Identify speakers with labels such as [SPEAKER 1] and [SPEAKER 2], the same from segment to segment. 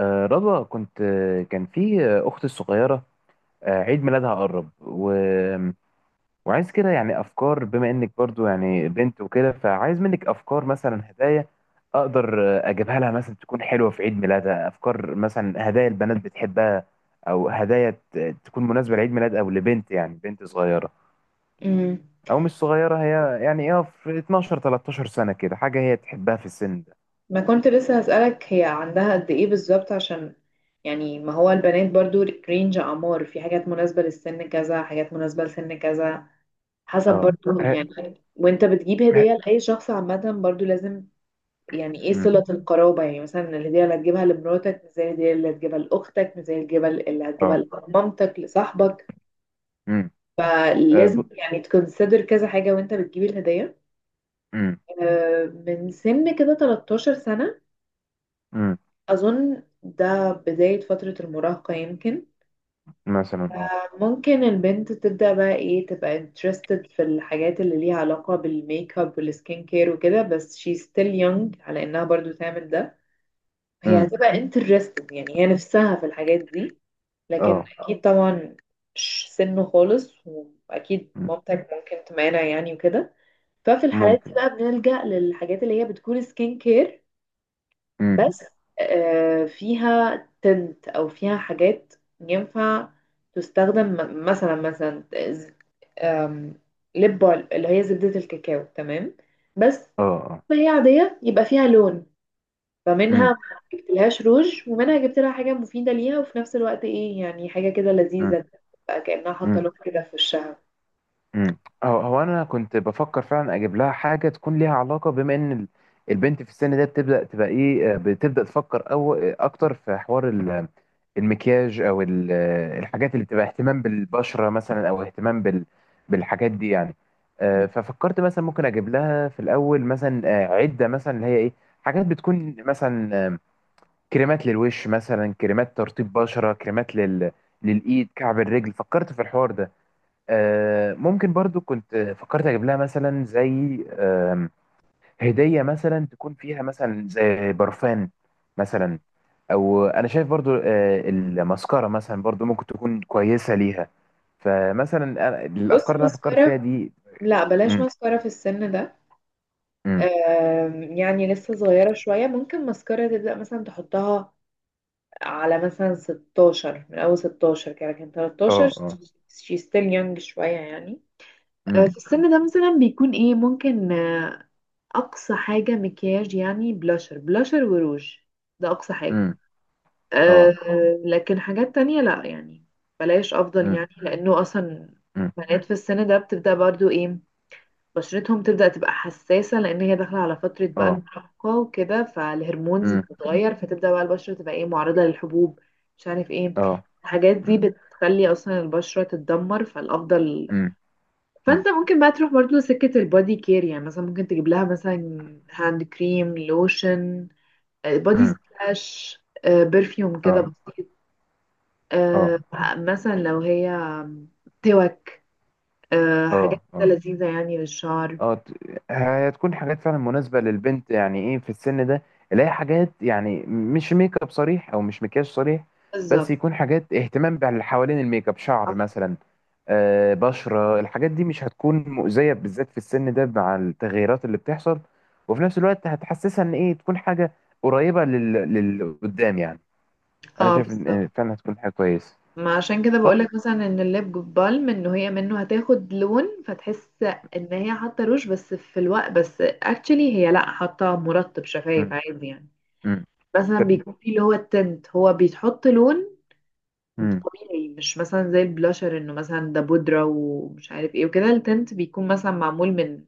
[SPEAKER 1] رضوى، كنت كان في أختي الصغيرة، عيد ميلادها قرب، وعايز كده، يعني أفكار بما إنك برضو يعني بنت وكده، فعايز منك أفكار مثلا هدايا أقدر أجيبها لها، مثلا تكون حلوة في عيد ميلادها. أفكار مثلا هدايا البنات بتحبها، أو هدايا تكون مناسبة لعيد ميلاد أو لبنت، يعني بنت صغيرة،
[SPEAKER 2] امم
[SPEAKER 1] أو مش صغيرة هي، يعني إيه، في 12 13 سنة كده، حاجة هي تحبها في السن ده.
[SPEAKER 2] ما كنت لسه هسألك هي عندها قد ايه بالظبط؟ عشان يعني ما هو البنات برضو رينج اعمار، في حاجات مناسبة للسن كذا، حاجات مناسبة لسن كذا، حسب
[SPEAKER 1] أه.
[SPEAKER 2] برضو.
[SPEAKER 1] ه-
[SPEAKER 2] يعني وانت بتجيب
[SPEAKER 1] ه-
[SPEAKER 2] هدية لأي شخص عامة برضو لازم يعني ايه
[SPEAKER 1] مم.
[SPEAKER 2] صلة القرابة. يعني مثلا الهدية اللي هتجيبها لمراتك مش زي الهدية اللي هتجيبها لأختك، مش زي الهدية اللي هتجيبها
[SPEAKER 1] أه.
[SPEAKER 2] لمامتك، لصاحبك.
[SPEAKER 1] مم. آه، ب-
[SPEAKER 2] فلازم يعني تكونسيدر كذا حاجة وانت بتجيب الهدية.
[SPEAKER 1] مم.
[SPEAKER 2] من سن كده 13 سنة
[SPEAKER 1] مم.
[SPEAKER 2] أظن ده بداية فترة المراهقة يمكن.
[SPEAKER 1] مثلا. اه.
[SPEAKER 2] ممكن البنت تبدأ بقى ايه، تبقى interested في الحاجات اللي ليها علاقة بالميك اب والسكين كير وكده، بس she still young على انها برضو تعمل ده. هي
[SPEAKER 1] امم.
[SPEAKER 2] هتبقى interested يعني هي نفسها في الحاجات دي، لكن
[SPEAKER 1] اه.
[SPEAKER 2] اكيد طبعا مش سنه خالص، واكيد
[SPEAKER 1] مم.
[SPEAKER 2] مامتك ممكن تمانع يعني وكده. ففي الحالات دي
[SPEAKER 1] ممكن.
[SPEAKER 2] بقى بنلجأ للحاجات اللي هي بتكون سكين كير
[SPEAKER 1] امم.
[SPEAKER 2] بس، فيها تنت او فيها حاجات ينفع تستخدم مثلا ز- آم، لب اللي هي زبدة الكاكاو، تمام، بس
[SPEAKER 1] اه. اه.
[SPEAKER 2] ما هي عادية، يبقى فيها لون. فمنها
[SPEAKER 1] امم.
[SPEAKER 2] ما جبتلهاش روج، ومنها جبت لها حاجة مفيدة ليها وفي نفس الوقت ايه يعني حاجة كده
[SPEAKER 1] امم.
[SPEAKER 2] لذيذة، بقى كأنها حاطة
[SPEAKER 1] امم.
[SPEAKER 2] لون كده في وشها.
[SPEAKER 1] امم. هو انا كنت بفكر فعلا اجيب لها حاجه تكون ليها علاقه، بما ان البنت في السن ده بتبدا تبقى ايه، بتبدا تفكر او اكتر في حوار المكياج، او الحاجات اللي بتبقى اهتمام بالبشره مثلا، او اهتمام بالحاجات دي يعني. ففكرت مثلا ممكن اجيب لها في الاول مثلا عده، مثلا اللي هي ايه، حاجات بتكون مثلا كريمات للوش، مثلا كريمات ترطيب بشرة، كريمات للإيد، كعب الرجل، فكرت في الحوار ده. ممكن برضو كنت فكرت أجيب لها مثلا زي هدية مثلا تكون فيها مثلا زي برفان مثلا. أو أنا شايف برضو المسكرة مثلا برضو ممكن تكون كويسة ليها. فمثلا
[SPEAKER 2] بص
[SPEAKER 1] الأفكار اللي أنا فكرت
[SPEAKER 2] ماسكارا،
[SPEAKER 1] فيها دي.
[SPEAKER 2] لا بلاش
[SPEAKER 1] مم.
[SPEAKER 2] ماسكارا في السن ده.
[SPEAKER 1] مم.
[SPEAKER 2] يعني لسه صغيرة شوية، ممكن ماسكارا تبدأ مثلا تحطها على مثلا 16، من اول 16 كده، لكن 13
[SPEAKER 1] اه. اه.
[SPEAKER 2] she still young شوية يعني.
[SPEAKER 1] مم.
[SPEAKER 2] في السن ده مثلا بيكون ايه، ممكن اقصى حاجة مكياج يعني بلاشر، بلاشر وروج، ده اقصى حاجة.
[SPEAKER 1] مم.
[SPEAKER 2] آه،
[SPEAKER 1] اه.
[SPEAKER 2] لكن حاجات تانية لا يعني، بلاش افضل
[SPEAKER 1] مم.
[SPEAKER 2] يعني. لانه اصلا
[SPEAKER 1] مم.
[SPEAKER 2] بنات في السن ده بتبدأ برضو ايه، بشرتهم تبدأ تبقى حساسة، لأن هي داخلة على فترة بقى
[SPEAKER 1] اه.
[SPEAKER 2] المراهقة وكده، فالهرمونز
[SPEAKER 1] مم.
[SPEAKER 2] بتتغير، فتبدأ بقى البشرة تبقى ايه معرضة للحبوب، مش عارف ايه.
[SPEAKER 1] اه.
[SPEAKER 2] الحاجات دي
[SPEAKER 1] مم.
[SPEAKER 2] بتخلي أصلا البشرة تتدمر، فالأفضل
[SPEAKER 1] مم. مم.
[SPEAKER 2] فأنت ممكن بقى تروح برضه سكة البادي كير. يعني مثلا ممكن تجيب لها مثلا هاند كريم، لوشن، بادي
[SPEAKER 1] مم.
[SPEAKER 2] سبلاش، برفيوم كده
[SPEAKER 1] اه.
[SPEAKER 2] بسيط،
[SPEAKER 1] اه.
[SPEAKER 2] آه، مثلا لو هي توك، حاجات
[SPEAKER 1] اه.
[SPEAKER 2] كده
[SPEAKER 1] اه.
[SPEAKER 2] لذيذة يعني للشعر.
[SPEAKER 1] اه. هتكون حاجات فعلا مناسبة للبنت، يعني ايه في السن ده، اللي هي حاجات يعني مش ميك اب صريح او مش مكياج صريح، بس
[SPEAKER 2] بالظبط.
[SPEAKER 1] يكون حاجات اهتمام باللي حوالين الميك اب، شعر مثلا، بشرة. الحاجات دي مش هتكون مؤذية بالذات في السن ده مع التغيرات اللي بتحصل، وفي نفس الوقت هتحسسها ان ايه تكون حاجة قريبة لل قدام يعني. انا
[SPEAKER 2] اه،
[SPEAKER 1] شايف إن
[SPEAKER 2] بالظبط.
[SPEAKER 1] فعلا هتكون حاجة كويسة.
[SPEAKER 2] ما عشان كده
[SPEAKER 1] طيب.
[SPEAKER 2] بقولك مثلا ان الليب بالم ان هي منه هتاخد لون، فتحس ان هي حاطه روج، بس في الوقت بس اكشلي هي لا، حاطه مرطب شفايف
[SPEAKER 1] مم.
[SPEAKER 2] عادي يعني.
[SPEAKER 1] مم.
[SPEAKER 2] مثلا
[SPEAKER 1] طب.
[SPEAKER 2] بيكون فيه اللي هو التنت، هو بيتحط لون
[SPEAKER 1] مم.
[SPEAKER 2] طبيعي، مش مثلا زي البلاشر انه مثلا ده بودره ومش عارف ايه وكده. التنت بيكون مثلا معمول من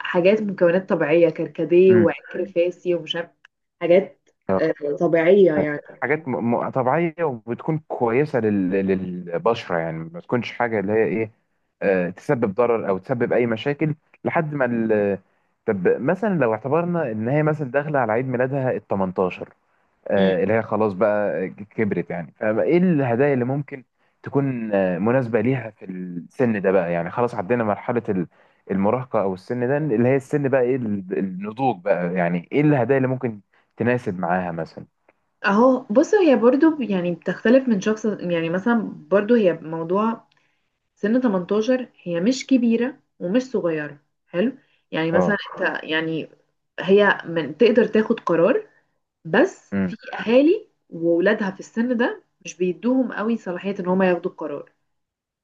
[SPEAKER 2] حاجات، مكونات طبيعيه، كركديه
[SPEAKER 1] مم.
[SPEAKER 2] وعكر
[SPEAKER 1] مم.
[SPEAKER 2] فاسي ومش عارف حاجات آه، طبيعيه يعني، فاهم؟
[SPEAKER 1] حاجات طبيعية وبتكون كويسة للبشرة، يعني ما تكونش حاجة اللي هي إيه تسبب ضرر أو تسبب أي مشاكل لحد ما طب مثلا لو اعتبرنا إن هي مثلا داخلة على عيد ميلادها ال 18، اللي هي خلاص بقى كبرت يعني، فإيه الهدايا اللي ممكن تكون مناسبة ليها في السن ده بقى، يعني خلاص عدينا مرحلة المراهقة أو السن ده، اللي هي السن بقى إيه النضوج بقى، يعني إيه الهدايا اللي ممكن تناسب معاها مثلا؟
[SPEAKER 2] اهو بص هي برضو يعني بتختلف من شخص يعني. مثلا برضو هي موضوع سن 18، هي مش كبيرة ومش صغيرة، حلو. يعني مثلا
[SPEAKER 1] اه.
[SPEAKER 2] انت يعني هي من تقدر تاخد قرار، بس في اهالي وولادها في السن ده مش بيدوهم قوي صلاحية ان هما ياخدوا القرار.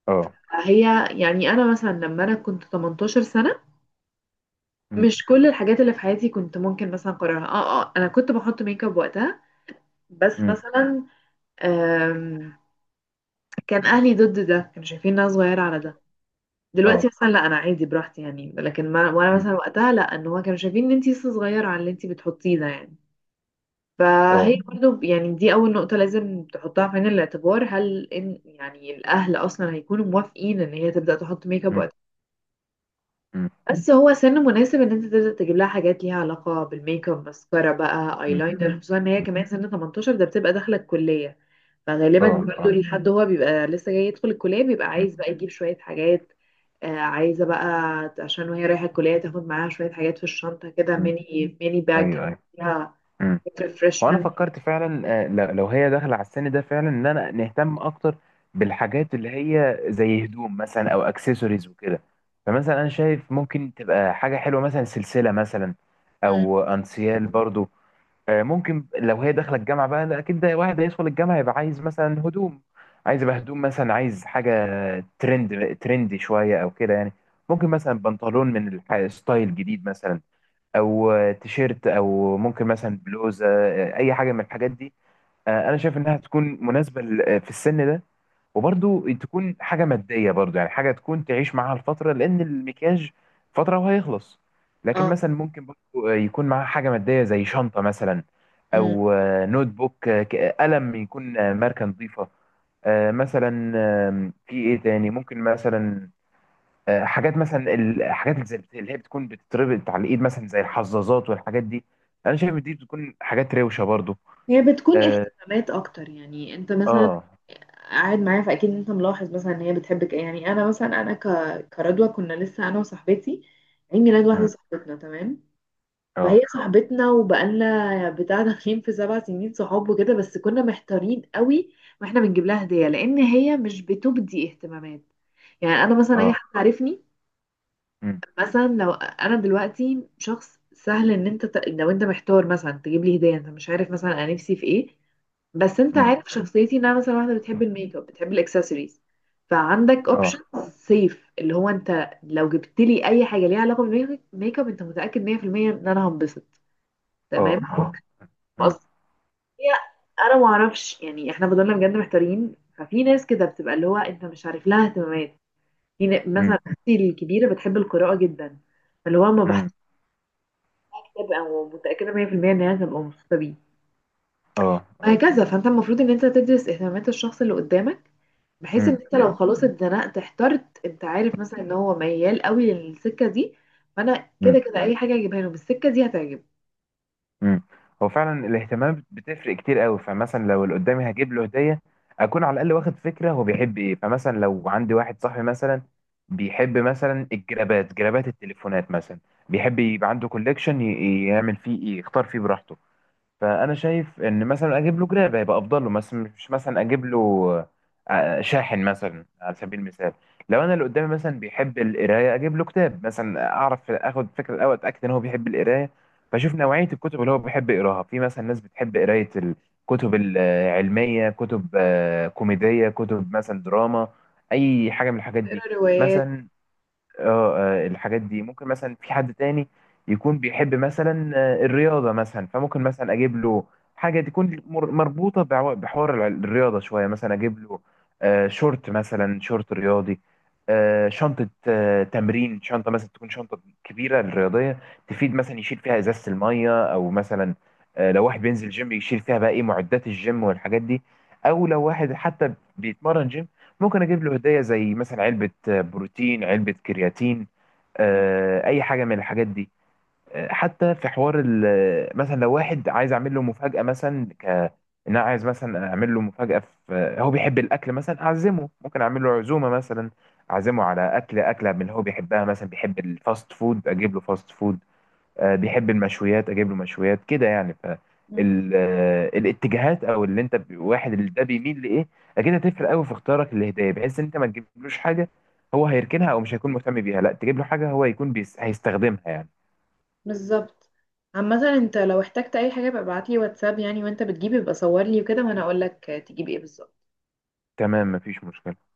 [SPEAKER 1] اه.
[SPEAKER 2] هي يعني انا مثلا لما انا كنت 18 سنة،
[SPEAKER 1] مم.
[SPEAKER 2] مش كل الحاجات اللي في حياتي كنت ممكن مثلا قررها. اه اه، انا كنت بحط ميك اب وقتها، بس
[SPEAKER 1] مم.
[SPEAKER 2] مثلا كان اهلي ضد ده، كانوا شايفين إن انا صغيره على ده. دلوقتي
[SPEAKER 1] اه.
[SPEAKER 2] مثلا لا، انا عادي براحتي يعني، لكن ما وانا
[SPEAKER 1] مم.
[SPEAKER 2] مثلا وقتها لا، ان هو كانوا شايفين ان انتي لسه صغيره على اللي انتي بتحطيه ده يعني. فهي
[SPEAKER 1] اه.
[SPEAKER 2] برضو يعني دي اول نقطه لازم تحطها في عين الاعتبار، هل ان يعني الاهل اصلا هيكونوا موافقين ان هي تبدا تحط ميك اب
[SPEAKER 1] مم.
[SPEAKER 2] وقتها.
[SPEAKER 1] مم.
[SPEAKER 2] بس هو سن مناسب ان انت تبدا تجيب لها حاجات ليها علاقه بالميك اب، ماسكارا بقى،
[SPEAKER 1] مم.
[SPEAKER 2] ايلاينر، خصوصا ان هي
[SPEAKER 1] مم.
[SPEAKER 2] كمان سن 18 ده بتبقى داخله الكليه. فغالبا
[SPEAKER 1] اه.
[SPEAKER 2] برضو
[SPEAKER 1] اه.
[SPEAKER 2] الحد هو بيبقى لسه جاي يدخل الكلية بيبقى
[SPEAKER 1] مم.
[SPEAKER 2] عايز بقى يجيب شوية حاجات. عايزة بقى عشان وهي رايحة الكلية تاخد معاها شوية حاجات في الشنطة كده،
[SPEAKER 1] مم.
[SPEAKER 2] ميني ميني باج
[SPEAKER 1] ايوه. ايوه.
[SPEAKER 2] فيها
[SPEAKER 1] مم. هو انا
[SPEAKER 2] ريفرشمنت.
[SPEAKER 1] فكرت فعلا، لو هي داخله على السن ده فعلا، ان انا نهتم اكتر بالحاجات اللي هي زي هدوم مثلا، او اكسسوارز وكده. فمثلا انا شايف ممكن تبقى حاجه حلوه، مثلا سلسله مثلا، او انسيال برضو. ممكن لو هي داخله الجامعه بقى، لا اكيد، ده واحد هيدخل الجامعه يبقى عايز مثلا هدوم، عايز يبقى هدوم مثلا، عايز حاجه ترندي شويه او كده يعني. ممكن مثلا بنطلون من ستايل جديد مثلا، او تيشيرت، او ممكن مثلا بلوزه، اي حاجه من الحاجات دي. انا شايف انها تكون مناسبه في السن ده، وبرضو تكون حاجه ماديه برضو، يعني حاجه تكون تعيش معاها الفتره، لان المكياج فتره وهيخلص. لكن
[SPEAKER 2] اه.
[SPEAKER 1] مثلا ممكن برضو يكون معاها حاجه ماديه زي شنطه مثلا،
[SPEAKER 2] مم.
[SPEAKER 1] او نوت بوك، قلم يكون ماركه نظيفه مثلا. في ايه تاني ممكن مثلا؟ حاجات مثلا، الحاجات اللي اللي هي بتكون بتتربط على الايد، مثلا زي الحظاظات والحاجات دي. انا شايف دي بتكون حاجات روشه برضو.
[SPEAKER 2] هي بتكون
[SPEAKER 1] اه.
[SPEAKER 2] اهتمامات اكتر يعني. انت مثلا
[SPEAKER 1] آه.
[SPEAKER 2] قاعد معايا فاكيد انت ملاحظ مثلا ان هي بتحبك ايه. يعني انا مثلا انا ك... كردوة كنا لسه انا وصاحبتي، عيد ميلاد واحدة صاحبتنا تمام.
[SPEAKER 1] اه.
[SPEAKER 2] فهي صاحبتنا وبقالنا يعني بتاع داخلين في سبع سنين صحاب وكده، بس كنا محتارين قوي واحنا بنجيب لها هدية، لان هي مش بتبدي اهتمامات. يعني انا مثلا اي
[SPEAKER 1] اه.
[SPEAKER 2] حد عارفني
[SPEAKER 1] امم.
[SPEAKER 2] مثلا، لو انا دلوقتي شخص سهل، ان انت لو انت محتار مثلا تجيب لي هدية، انت مش عارف مثلا انا نفسي في ايه، بس انت
[SPEAKER 1] امم.
[SPEAKER 2] عارف شخصيتي ان انا مثلا واحدة بتحب الميك اب، بتحب الاكسسوارز، فعندك اوبشن
[SPEAKER 1] اه.
[SPEAKER 2] سيف، اللي هو انت لو جبت لي اي حاجة ليها علاقة بالميك اب انت متأكد 100% ان انا هنبسط، تمام.
[SPEAKER 1] اه. اه. امم.
[SPEAKER 2] قصدي هي انا ما اعرفش يعني احنا فضلنا بجد محتارين. ففي ناس كده بتبقى اللي هو انت مش عارف لها اهتمامات، في
[SPEAKER 1] امم.
[SPEAKER 2] مثلا اختي الكبيره بتحب القراءه جدا، فاللي هو ما
[SPEAKER 1] امم.
[SPEAKER 2] بحثش كتاب او متاكده 100% ان هي هتبقى مبسوطه بيه،
[SPEAKER 1] اه. اه.
[SPEAKER 2] وهكذا. فانت المفروض ان انت تدرس اهتمامات الشخص اللي قدامك، بحيث ان
[SPEAKER 1] امم.
[SPEAKER 2] انت لو خلاص اتزنقت احترت، انت عارف مثلا ان هو ميال قوي للسكه دي، فانا كده
[SPEAKER 1] امم.
[SPEAKER 2] كده اي حاجه اجيبها له بالسكه دي هتعجبه.
[SPEAKER 1] امم. هو فعلا الاهتمام بتفرق كتير قوي. فمثلا لو اللي قدامي هجيب له هديه، اكون على الاقل واخد فكره هو بيحب ايه. فمثلا لو عندي واحد صاحبي مثلا بيحب مثلا الجرابات، جرابات التليفونات مثلا، بيحب يبقى عنده كوليكشن يعمل فيه ايه، يختار فيه براحته. فانا شايف ان مثلا اجيب له جراب هيبقى افضل له، مثلا مش مثلا اجيب له شاحن مثلا، على سبيل المثال. لو انا اللي قدامي مثلا بيحب القرايه، اجيب له كتاب مثلا، اعرف اخد فكره الاول، اتاكد ان هو بيحب القرايه، فاشوف نوعيه الكتب اللي هو بيحب يقراها. في مثلا ناس بتحب قرايه الكتب العلميه، كتب كوميديه، كتب مثلا دراما، اي حاجه من الحاجات دي
[SPEAKER 2] تقرا روايات.
[SPEAKER 1] مثلا. اه، الحاجات دي ممكن مثلا في حد تاني يكون بيحب مثلا الرياضة مثلا، فممكن مثلا أجيب له حاجة تكون مربوطة بحوار الرياضة شوية، مثلا أجيب له شورت، مثلا شورت رياضي، شنطة تمرين، شنطة مثلا تكون شنطة كبيرة الرياضية، تفيد مثلا يشيل فيها إزازة المية، أو مثلا لو واحد بينزل جيم يشيل فيها بقى إيه معدات الجيم والحاجات دي. أو لو واحد حتى بيتمرن جيم، ممكن اجيب له هديه زي مثلا علبه بروتين، علبه كرياتين، اي حاجه من الحاجات دي. حتى في حوار مثلا لو واحد عايز اعمل له مفاجاه مثلا، إن انا عايز مثلا اعمل له مفاجاه، في هو بيحب الاكل مثلا اعزمه، ممكن اعمل له عزومه مثلا، اعزمه على اكل اكله من اللي هو بيحبها، مثلا بيحب الفاست فود اجيب له فاست فود، بيحب المشويات اجيب له مشويات كده يعني. ف ال- آه، الاتجاهات او اللي انت واحد اللي ده بيميل لايه، اكيد هتفرق قوي في اختيارك للهدايا، بحيث ان انت ما تجيبلوش حاجه هو هيركنها او مش هيكون مهتم بيها، لا تجيب له حاجه هو يكون هيستخدمها يعني.
[SPEAKER 2] بالظبط. عامة انت لو احتجت اي حاجة يبقى ابعتلي واتساب يعني، وانت بتجيبي يبقى صورلي وكده وانا اقولك تجيبي ايه بالظبط.
[SPEAKER 1] تمام، مفيش مشكله.